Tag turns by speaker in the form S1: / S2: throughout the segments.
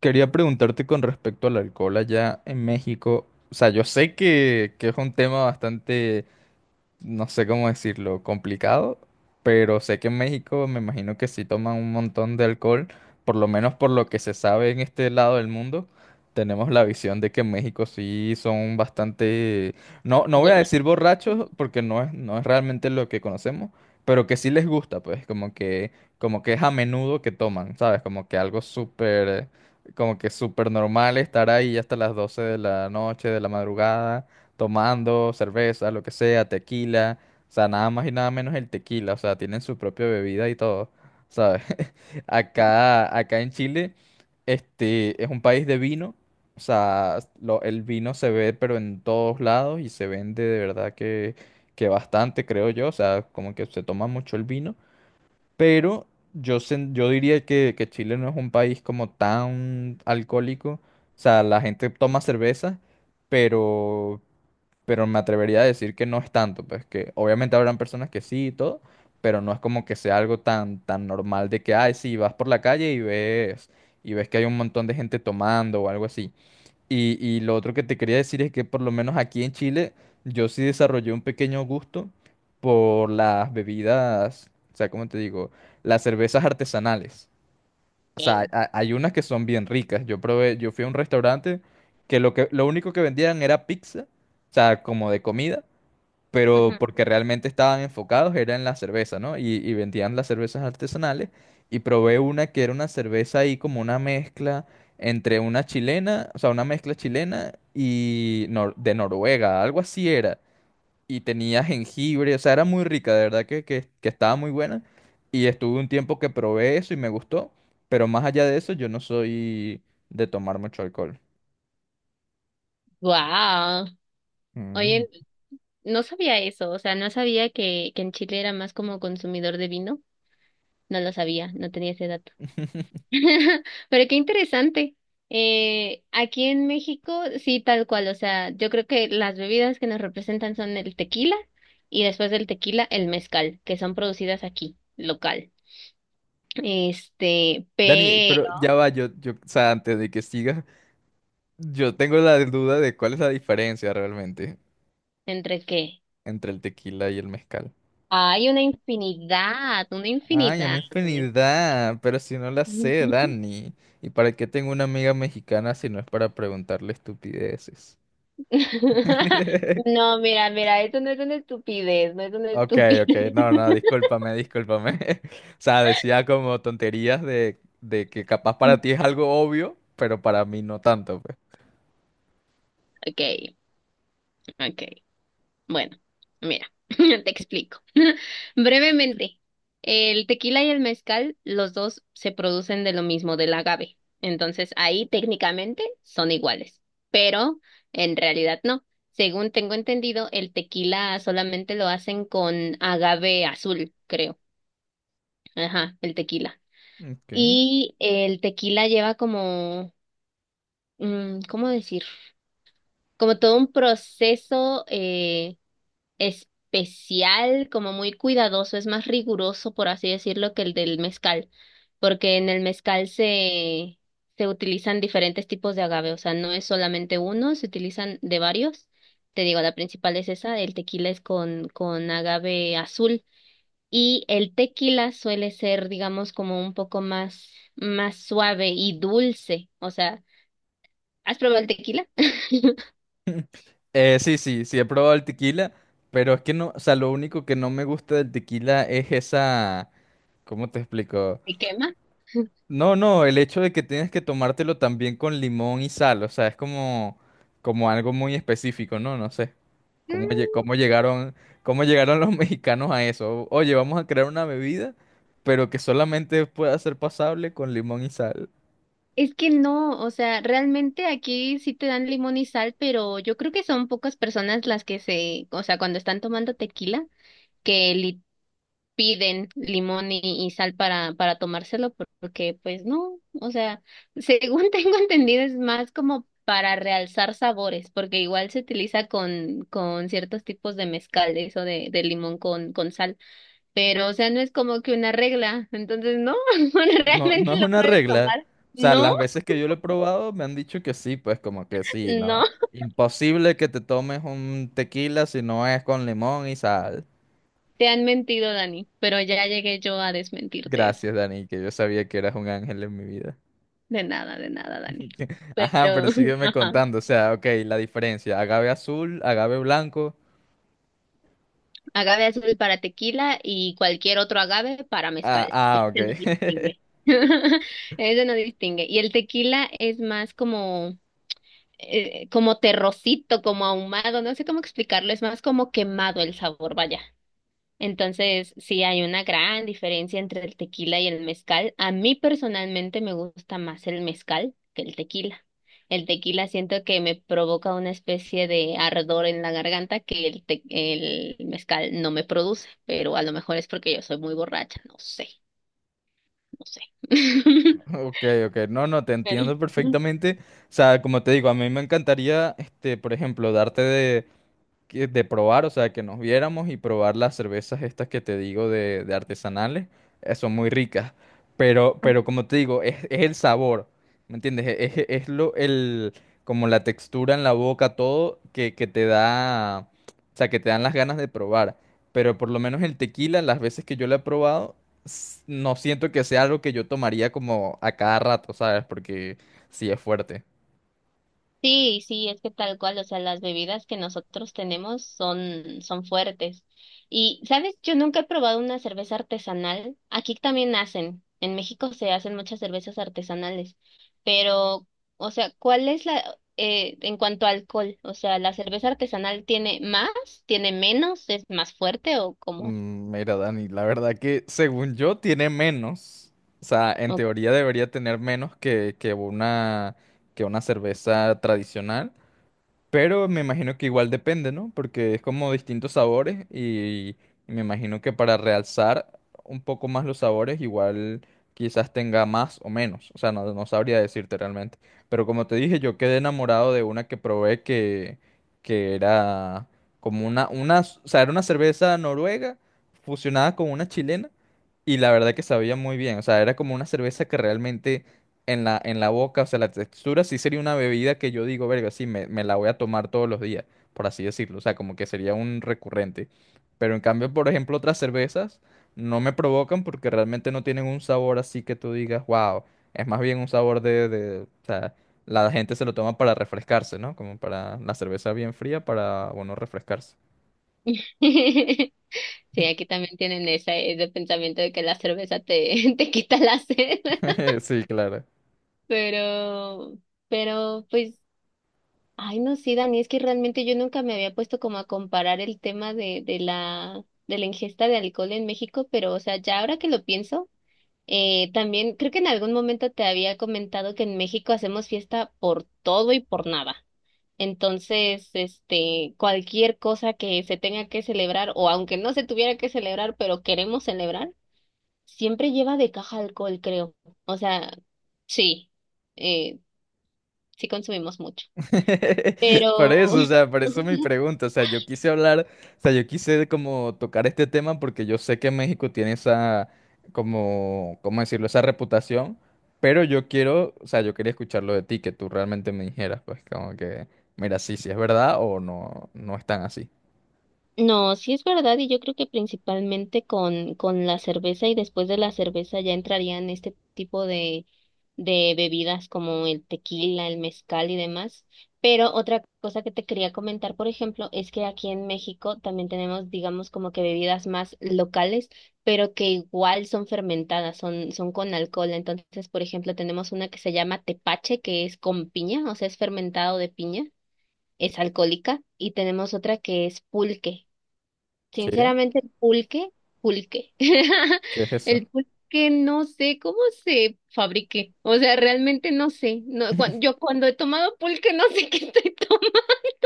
S1: Quería preguntarte con respecto al alcohol allá en México. O sea, yo sé que es un tema bastante, no sé cómo decirlo, complicado, pero sé que en México me imagino que sí toman un montón de alcohol, por lo menos por lo que se sabe en este lado del mundo. Tenemos la visión de que en México sí son bastante, no voy a
S2: Borraché.
S1: decir borrachos porque no es realmente lo que conocemos, pero que sí les gusta, pues como que es a menudo que toman, ¿sabes? Como que algo súper, como que súper normal estar ahí hasta las 12 de la noche, de la madrugada tomando cerveza, lo que sea, tequila, o sea, nada más y nada menos el tequila, o sea, tienen su propia bebida y todo, ¿sabes? Acá en Chile, es un país de vino, o sea, el vino se ve pero en todos lados y se vende de verdad que bastante, creo yo, o sea, como que se toma mucho el vino, pero yo, yo diría que Chile no es un país como tan alcohólico, o sea, la gente toma cerveza, pero pero me atrevería a decir que no es tanto, pues que obviamente habrán personas que sí y todo, pero no es como que sea algo tan, tan normal de que, ay, sí, vas por la calle y ves que hay un montón de gente tomando o algo así. Y lo otro que te quería decir es que por lo menos aquí en Chile yo sí desarrollé un pequeño gusto por las bebidas, o sea, ¿cómo te digo? Las cervezas artesanales. O sea, hay unas que son bien ricas. Yo probé, yo fui a un restaurante que lo único que vendían era pizza, o sea, como de comida, pero porque realmente estaban enfocados era en la cerveza, ¿no? Y vendían las cervezas artesanales. Y probé una que era una cerveza ahí como una mezcla entre una chilena, o sea, una mezcla chilena y de Noruega, algo así era y tenía jengibre, o sea, era muy rica, de verdad que estaba muy buena. Y estuve un tiempo que probé eso y me gustó, pero más allá de eso yo no soy de tomar mucho alcohol.
S2: Wow. Oye,
S1: Mm.
S2: no sabía eso, o sea, no sabía que en Chile era más como consumidor de vino. No lo sabía, no tenía ese dato. Pero qué interesante. Aquí en México, sí, tal cual, o sea, yo creo que las bebidas que nos representan son el tequila y después del tequila el mezcal, que son producidas aquí, local.
S1: Dani, pero
S2: Pero
S1: ya va, o sea, antes de que siga, yo tengo la duda de cuál es la diferencia realmente
S2: entre qué
S1: entre el tequila y el mezcal.
S2: hay una infinidad, una
S1: Ay,
S2: infinidad,
S1: una
S2: una
S1: infinidad, pero si no la sé,
S2: infinidad.
S1: Dani. ¿Y para qué tengo una amiga mexicana si no es para preguntarle estupideces?
S2: No, mira, mira, esto no es una estupidez, no es una
S1: Ok,
S2: estupidez.
S1: ok, no, no, discúlpame, discúlpame. O sea, decía como tonterías de que capaz para ti es algo obvio, pero para mí no tanto, pues.
S2: Okay, okay. Bueno, mira, te explico. Brevemente, el tequila y el mezcal, los dos se producen de lo mismo, del agave. Entonces, ahí técnicamente son iguales, pero en realidad no. Según tengo entendido, el tequila solamente lo hacen con agave azul, creo. Ajá, el tequila.
S1: Ok.
S2: Y el tequila lleva como ¿cómo decir? Como todo un proceso especial, como muy cuidadoso, es más riguroso, por así decirlo, que el del mezcal, porque en el mezcal se utilizan diferentes tipos de agave, o sea, no es solamente uno, se utilizan de varios. Te digo, la principal es esa, el tequila es con agave azul y el tequila suele ser, digamos, como un poco más, más suave y dulce, o sea, ¿has probado el tequila?
S1: Sí, sí, sí he probado el tequila, pero es que no, o sea, lo único que no me gusta del tequila es esa, ¿cómo te explico?
S2: ¿Me quema?
S1: No, no, el hecho de que tienes que tomártelo también con limón y sal, o sea, es como, como algo muy específico, ¿no? No sé. ¿Cómo,
S2: Mm,
S1: cómo llegaron los mexicanos a eso? Oye, vamos a crear una bebida, pero que solamente pueda ser pasable con limón y sal.
S2: Es que no, o sea, realmente aquí sí te dan limón y sal, pero yo creo que son pocas personas las que se, o sea, cuando están tomando tequila, que le piden limón y sal para tomárselo, porque pues no, o sea, según tengo entendido es más como para realzar sabores, porque igual se utiliza con ciertos tipos de mezcales o de limón con sal. Pero, o sea, no es como que una regla, entonces no,
S1: No, no
S2: realmente
S1: es
S2: lo
S1: una
S2: puedes
S1: regla.
S2: tomar.
S1: O sea,
S2: No,
S1: las veces que yo lo he probado me han dicho que sí, pues como que sí, no.
S2: no,
S1: Imposible que te tomes un tequila si no es con limón y sal.
S2: te han mentido, Dani, pero ya llegué yo a desmentirte eso.
S1: Gracias, Dani, que yo sabía que eras un ángel en mi vida.
S2: De nada, Dani.
S1: Ajá,
S2: Pero,
S1: pero sígueme
S2: ajá,
S1: contando. O sea, ok, la diferencia. Agave azul, agave blanco.
S2: agave azul para tequila y cualquier otro agave para
S1: Ah,
S2: mezcal.
S1: ah,
S2: Ese no
S1: ok.
S2: distingue. Ese no distingue. Y el tequila es más como, como terrocito, como ahumado, no sé cómo explicarlo, es más como quemado el sabor, vaya. Entonces, sí hay una gran diferencia entre el tequila y el mezcal. A mí personalmente me gusta más el mezcal que el tequila. El tequila siento que me provoca una especie de ardor en la garganta que el mezcal no me produce, pero a lo mejor es porque yo soy muy borracha, no sé, no sé.
S1: Ok, ok. No, no, te entiendo perfectamente. O sea, como te digo, a mí me encantaría, por ejemplo, darte de, de probar, o sea, que nos viéramos y probar las cervezas estas que te digo de artesanales, son muy ricas. Pero como te digo, es el sabor, ¿me entiendes? Es, es lo, el, como la textura en la boca, todo que te da, o sea, que te dan las ganas de probar. Pero por lo menos el tequila, las veces que yo lo he probado, no siento que sea algo que yo tomaría como a cada rato, ¿sabes? Porque sí es fuerte.
S2: Sí, sí, es que tal cual, o sea, las bebidas que nosotros tenemos son, son fuertes. Y, ¿sabes? Yo nunca he probado una cerveza artesanal. Aquí también hacen, en México se hacen muchas cervezas artesanales, pero, o sea, ¿cuál es en cuanto a alcohol? O sea, ¿la cerveza artesanal tiene más, tiene menos, es más fuerte o cómo?
S1: Mm, mira, Dani, la verdad que según yo tiene menos. O sea, en
S2: O-
S1: teoría debería tener menos que una cerveza tradicional. Pero me imagino que igual depende, ¿no? Porque es como distintos sabores y me imagino que para realzar un poco más los sabores, igual quizás tenga más o menos. O sea, no, no sabría decirte realmente. Pero como te dije, yo quedé enamorado de una que probé que era como o sea, era una cerveza noruega fusionada con una chilena. Y la verdad que sabía muy bien, o sea, era como una cerveza que realmente en la boca, o sea, la textura sí sería una bebida que yo digo, verga, sí, me la voy a tomar todos los días, por así decirlo, o sea, como que sería un recurrente. Pero en cambio, por ejemplo, otras cervezas no me provocan porque realmente no tienen un sabor así que tú digas, wow, es más bien un sabor o sea, la gente se lo toma para refrescarse, ¿no? Como para la cerveza bien fría, para, bueno, refrescarse.
S2: Sí, aquí también tienen esa- ese pensamiento de que la cerveza te, te quita la sed.
S1: Sí, claro.
S2: Pero, pero, pues, ay, no, sí, Dani, es que realmente yo nunca me había puesto como a comparar el tema de la ingesta de alcohol en México, pero, o sea, ya ahora que lo pienso, también creo que en algún momento te había comentado que en México hacemos fiesta por todo y por nada. Entonces, cualquier cosa que se tenga que celebrar, o aunque no se tuviera que celebrar, pero queremos celebrar, siempre lleva de caja alcohol, creo. O sea, sí. eh, sí consumimos mucho.
S1: Por
S2: Pero
S1: eso, o sea, por eso mi pregunta, o sea, yo quise hablar, o sea, yo quise como tocar este tema porque yo sé que México tiene esa, como, ¿cómo decirlo? Esa reputación, pero yo quiero, o sea, yo quería escucharlo de ti, que tú realmente me dijeras, pues, como que, mira, sí, sí es verdad o no, no es tan así.
S2: no, sí es verdad y yo creo que principalmente con la cerveza y después de la cerveza ya entrarían este tipo de bebidas como el tequila, el mezcal y demás. Pero otra cosa que te quería comentar, por ejemplo, es que aquí en México también tenemos, digamos, como que bebidas más locales, pero que igual son fermentadas, son, son con alcohol. Entonces, por ejemplo, tenemos una que se llama tepache, que es con piña, o sea, es fermentado de piña. Es alcohólica y tenemos otra que es pulque.
S1: ¿Qué?
S2: Sinceramente, el pulque, pulque.
S1: ¿Qué es eso?
S2: El pulque no sé cómo se fabrique. O sea, realmente no sé. No, cuan- yo cuando he tomado pulque no sé qué estoy tomando,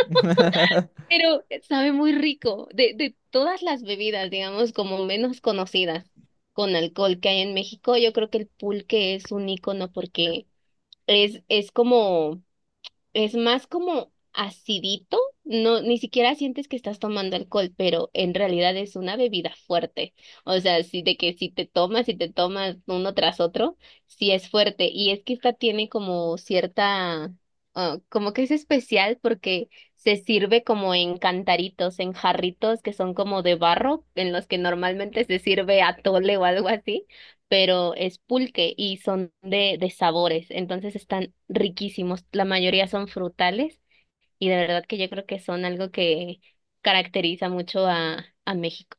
S2: pero sabe muy rico. De todas las bebidas, digamos, como menos conocidas con alcohol que hay en México, yo creo que el pulque es un icono porque es como. Es más como acidito, no, ni siquiera sientes que estás tomando alcohol, pero en realidad es una bebida fuerte. O sea, sí, de que si te tomas y te tomas uno tras otro, sí es fuerte. Y es que esta tiene como cierta, ah, como que es especial porque se sirve como en cantaritos, en jarritos que son como de barro, en los que normalmente se sirve atole o algo así, pero es pulque y son de sabores, entonces están riquísimos. La mayoría son frutales y de verdad que yo creo que son algo que caracteriza mucho a México.